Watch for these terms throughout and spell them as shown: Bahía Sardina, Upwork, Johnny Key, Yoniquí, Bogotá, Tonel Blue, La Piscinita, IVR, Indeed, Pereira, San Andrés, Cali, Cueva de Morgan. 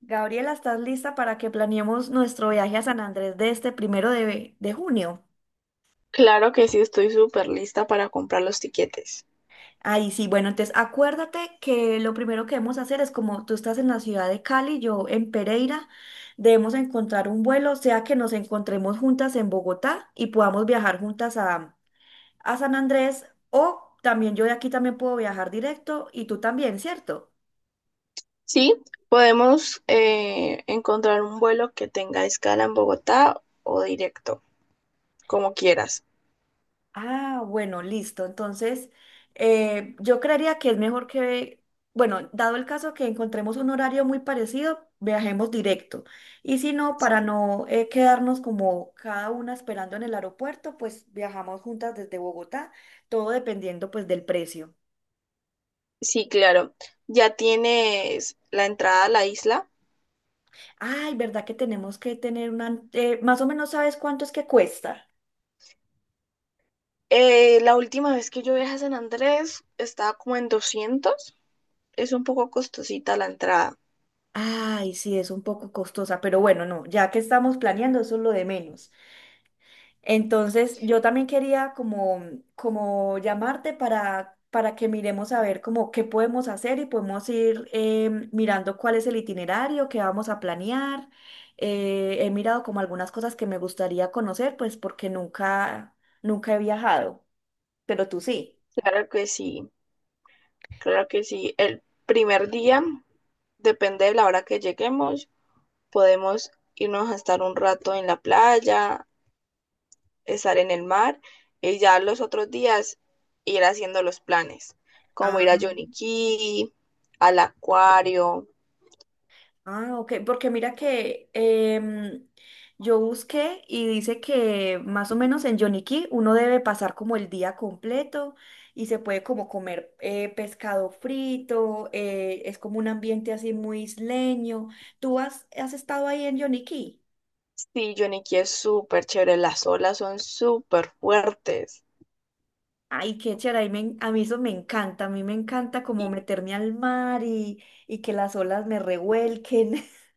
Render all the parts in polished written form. Gabriela, ¿estás lista para que planeemos nuestro viaje a San Andrés de este primero de junio? Claro que sí, estoy súper lista para comprar los tiquetes. Ahí sí, bueno, entonces acuérdate que lo primero que debemos hacer es como tú estás en la ciudad de Cali, yo en Pereira, debemos encontrar un vuelo, sea que nos encontremos juntas en Bogotá y podamos viajar juntas a San Andrés, o también yo de aquí también puedo viajar directo y tú también, ¿cierto? Sí, podemos encontrar un vuelo que tenga escala en Bogotá o directo, como quieras. Ah, bueno, listo. Entonces, yo creería que es mejor que, bueno, dado el caso que encontremos un horario muy parecido, viajemos directo. Y si no, para no quedarnos como cada una esperando en el aeropuerto, pues viajamos juntas desde Bogotá, todo dependiendo pues del precio. Sí, claro. ¿Ya tienes la entrada a la isla? Ay, ¿verdad que tenemos que tener más o menos sabes cuánto es que cuesta? La última vez que yo viajé a San Andrés estaba como en 200. Es un poco costosita la entrada. Ay, sí, es un poco costosa, pero bueno, no, ya que estamos planeando, eso es lo de menos. Entonces, yo también quería como llamarte para que miremos a ver como qué podemos hacer y podemos ir mirando cuál es el itinerario que vamos a planear. He mirado como algunas cosas que me gustaría conocer, pues porque nunca he viajado, pero tú sí. Claro que sí, claro que sí. El primer día, depende de la hora que lleguemos, podemos irnos a estar un rato en la playa, estar en el mar y ya los otros días ir haciendo los planes, como ir a Yoniquí, al acuario. Ah, ok, porque mira que yo busqué y dice que más o menos en Yoniquí uno debe pasar como el día completo y se puede como comer pescado frito, es como un ambiente así muy isleño. ¿Tú has estado ahí en Yoniquí? Sí, Yoniquí es súper chévere, las olas son súper fuertes. Ay, qué chévere, ahí me a mí eso me encanta, a mí me encanta como Y meterme al mar y que las olas me revuelquen.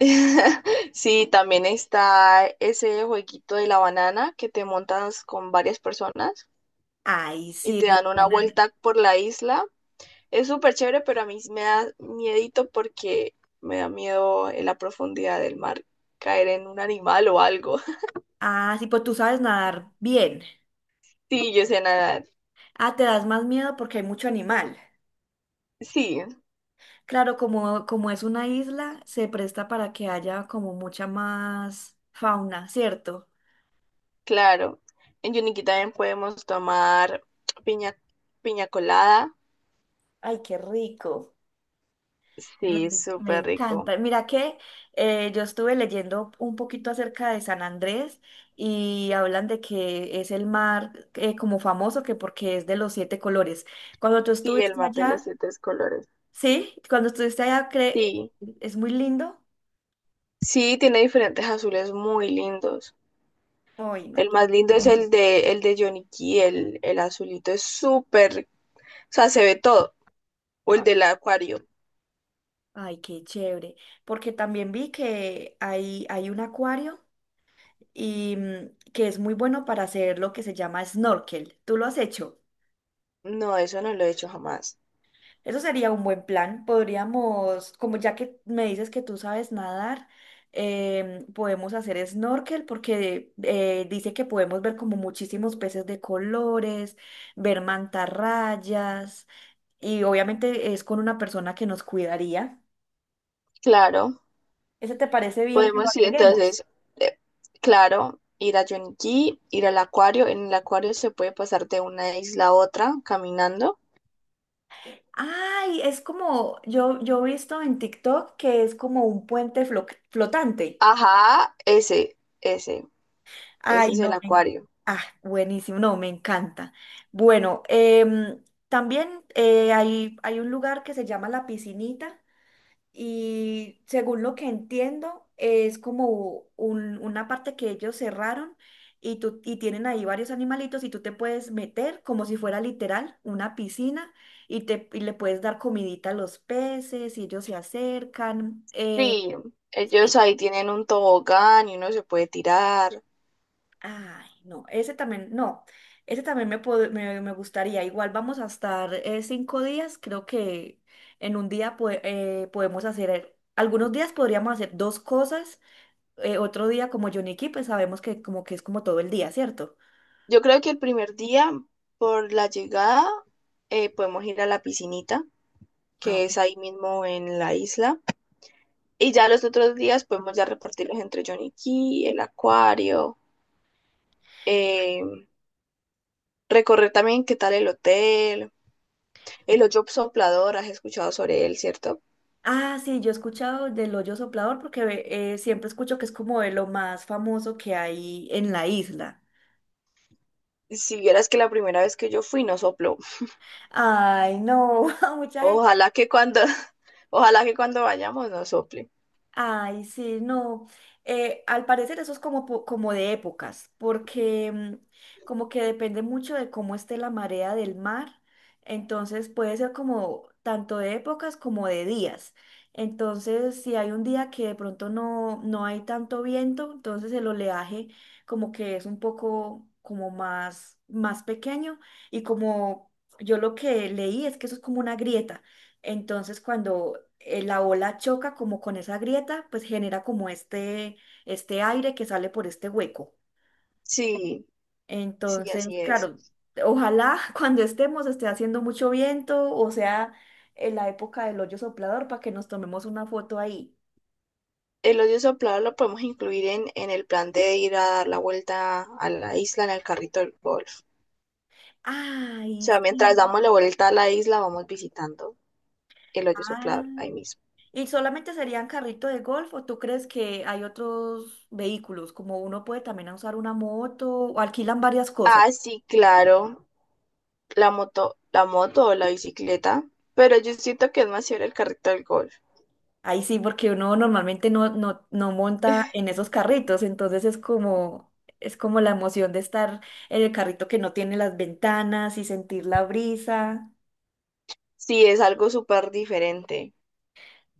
sí, también está ese jueguito de la banana que te montas con varias personas Ay, y sí, te de dan la una banana. vuelta por la isla. Es súper chévere, pero a mí me da miedito porque me da miedo en la profundidad del mar caer en un animal o algo. Ah, sí, pues tú sabes nadar bien. Sí, yo sé nadar. Ah, te das más miedo porque hay mucho animal. Sí, Claro, como es una isla, se presta para que haya como mucha más fauna, ¿cierto? claro. En Yuniquí también podemos tomar piña, piña colada. Ay, qué rico. Me, Sí, me súper rico. encanta. Mira que yo estuve leyendo un poquito acerca de San Andrés y hablan de que es el mar como famoso que porque es de los siete colores. Cuando tú Sí, el estuviste mar de los allá, siete colores. sí, cuando estuviste allá, Sí, es muy lindo. sí, tiene diferentes azules muy lindos. Ay, no. El más lindo es el de Yonicky, el azulito es súper, o sea, se ve todo. O el del acuario. Ay, qué chévere. Porque también vi que hay un acuario y que es muy bueno para hacer lo que se llama snorkel. ¿Tú lo has hecho? No, eso no lo he hecho jamás. Eso sería un buen plan. Podríamos, como ya que me dices que tú sabes nadar, podemos hacer snorkel porque dice que podemos ver como muchísimos peces de colores, ver mantarrayas y obviamente es con una persona que nos cuidaría. Claro, ¿Ese te parece bien que lo podemos ir. agreguemos? Entonces, eh, claro, ir a Yonki, ir al acuario. En el acuario se puede pasar de una isla a otra caminando. Ay, es como, yo he visto en TikTok que es como un puente flotante. Ajá, Ay, ese es el no, acuario. ah, buenísimo, no, me encanta. Bueno, también hay un lugar que se llama La Piscinita. Y según lo que entiendo, es como una parte que ellos cerraron y tienen ahí varios animalitos y tú te puedes meter como si fuera literal una piscina y le puedes dar comidita a los peces y ellos se acercan. Sí, ellos Sí. ahí tienen un tobogán y uno se puede tirar. Ay, no, ese también, no, ese también me gustaría. Igual vamos a estar 5 días, creo que en un día podemos hacer, algunos días podríamos hacer dos cosas otro día como Yoniki, pues sabemos que como que es como todo el día, ¿cierto? Yo creo que el primer día, por la llegada, podemos ir a la piscinita, Ah, que es ok. ahí mismo en la isla. Y ya los otros días podemos ya repartirlos entre Johnny Key, el acuario, eh, recorrer también qué tal el hotel, el hoyo soplador, has escuchado sobre él, ¿cierto? Ah, sí, yo he escuchado del hoyo soplador porque siempre escucho que es como de lo más famoso que hay en la isla. Si vieras que la primera vez que yo fui no sopló. Ay, no, mucha Ojalá que cuando, ojalá que cuando vayamos no sople. Ay, sí, no. Al parecer eso es como, como de épocas, porque como que depende mucho de cómo esté la marea del mar. Entonces puede ser como tanto de épocas como de días. Entonces, si hay un día que de pronto no hay tanto viento, entonces el oleaje como que es un poco como más pequeño y como yo lo que leí es que eso es como una grieta. Entonces, cuando la ola choca como con esa grieta, pues genera como este aire que sale por este hueco. Sí, sí, Entonces, así es. claro, ojalá cuando estemos esté haciendo mucho viento o sea en la época del hoyo soplador para que nos tomemos una foto ahí. El hoyo soplador lo podemos incluir en el plan de ir a dar la vuelta a la isla en el carrito del golf. O Ay, sea, mientras sí. damos la vuelta a la isla, vamos visitando el hoyo Ah. soplador ahí mismo. ¿Y solamente serían carrito de golf o tú crees que hay otros vehículos? Como uno puede también usar una moto o alquilan varias cosas. Ah, sí, claro, la moto o la bicicleta, pero yo siento que es más chévere el carrito del golf. Ahí sí, porque uno normalmente no monta en esos carritos, entonces es como la emoción de estar en el carrito que no tiene las ventanas y sentir la brisa. Sí, es algo súper diferente.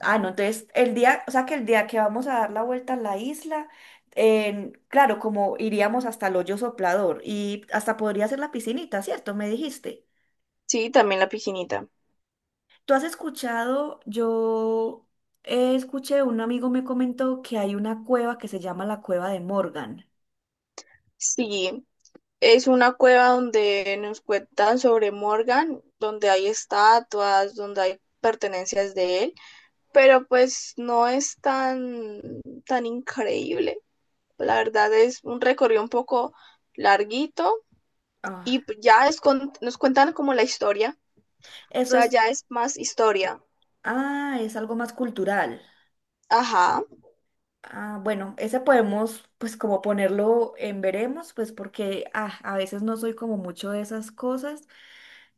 Ah, no, entonces el día, o sea que el día que vamos a dar la vuelta a la isla, claro, como iríamos hasta el hoyo soplador y hasta podría ser la piscinita, ¿cierto? Me dijiste. Sí, también la piscinita. ¿Tú has escuchado? Yo escuché, un amigo me comentó que hay una cueva que se llama la Cueva de Morgan. Sí, es una cueva donde nos cuentan sobre Morgan, donde hay estatuas, donde hay pertenencias de él, pero pues no es tan, tan increíble. La verdad es un recorrido un poco larguito Ah. y pues, ya es nos cuentan como la historia. O Eso sea, es. ya es más historia. Ah, es algo más cultural. Ajá, Ah, bueno, ese podemos, pues como ponerlo en veremos, pues porque ah, a veces no soy como mucho de esas cosas,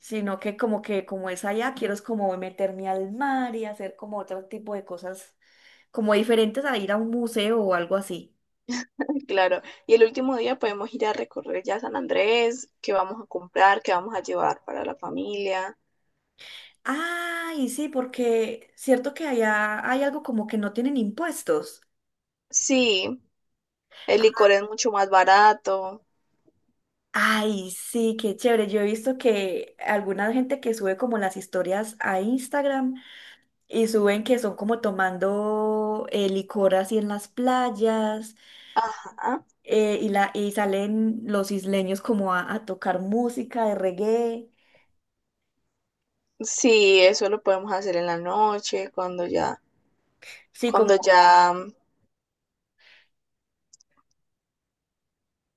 sino que como es allá, quiero es como meterme al mar y hacer como otro tipo de cosas como diferentes a ir a un museo o algo así. claro. Y el último día podemos ir a recorrer ya San Andrés, qué vamos a comprar, qué vamos a llevar para la familia. Ah, y sí, porque cierto que allá hay algo como que no tienen impuestos. Sí, el licor es mucho más barato. Ay, sí, qué chévere. Yo he visto que alguna gente que sube como las historias a Instagram y suben que son como tomando licor así en las playas Ajá. Y salen los isleños como a tocar música de reggae. Sí, eso lo podemos hacer en la noche, Sí, cuando como ya,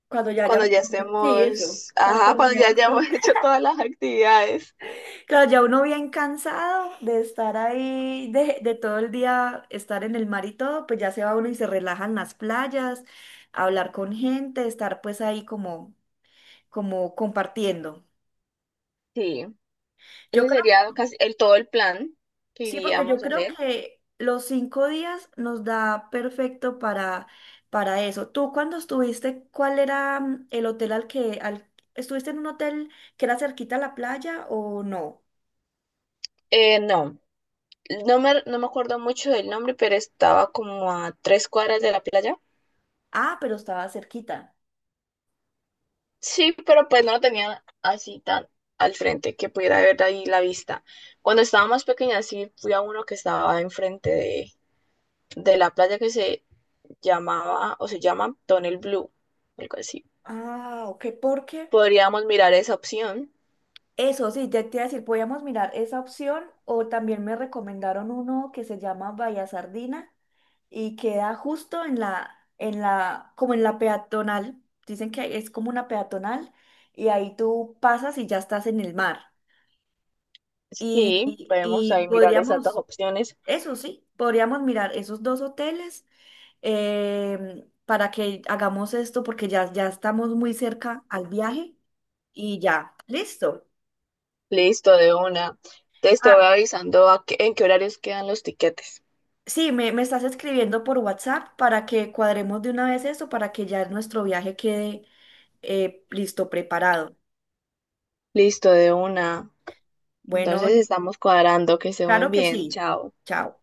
cuando ya cuando hayamos... ya Sí, eso. estemos, Cuando ajá, cuando ya terminemos todo. hayamos hecho todas las actividades. Claro, ya uno bien cansado de estar ahí, de todo el día estar en el mar y todo, pues ya se va uno y se relaja en las playas, a hablar con gente, estar pues ahí como compartiendo. Sí, Yo ese creo sería casi todo el plan que Sí, porque yo iríamos a creo hacer. que los 5 días nos da perfecto para eso. Tú cuando estuviste, ¿cuál era el hotel estuviste en un hotel que era cerquita a la playa o no? No. No me acuerdo mucho del nombre, pero estaba como a 3 cuadras de la playa. Ah, pero estaba cerquita. Sí, pero pues no lo tenía así tan al frente que pudiera ver ahí la vista. Cuando estaba más pequeña, sí fui a uno que estaba enfrente de la playa que se llamaba o se llama Tonel Blue, algo así. Ah, ok, ¿por qué? Podríamos mirar esa opción. Eso sí, ya te iba a decir, podíamos mirar esa opción o también me recomendaron uno que se llama Bahía Sardina y queda justo como en la peatonal. Dicen que es como una peatonal y ahí tú pasas y ya estás en el mar. Sí, Y, podemos y ahí mirar esas dos podríamos, opciones. eso sí, podríamos mirar esos dos hoteles para que hagamos esto porque ya estamos muy cerca al viaje y ya, listo. Listo, de una. Entonces te voy Ah, avisando a en qué horarios quedan los tiquetes. sí, me estás escribiendo por WhatsApp para que cuadremos de una vez eso, para que ya nuestro viaje quede listo, preparado. Listo, de una. Entonces Bueno, estamos cuadrando, que esté muy claro que bien, sí. chao. Chao.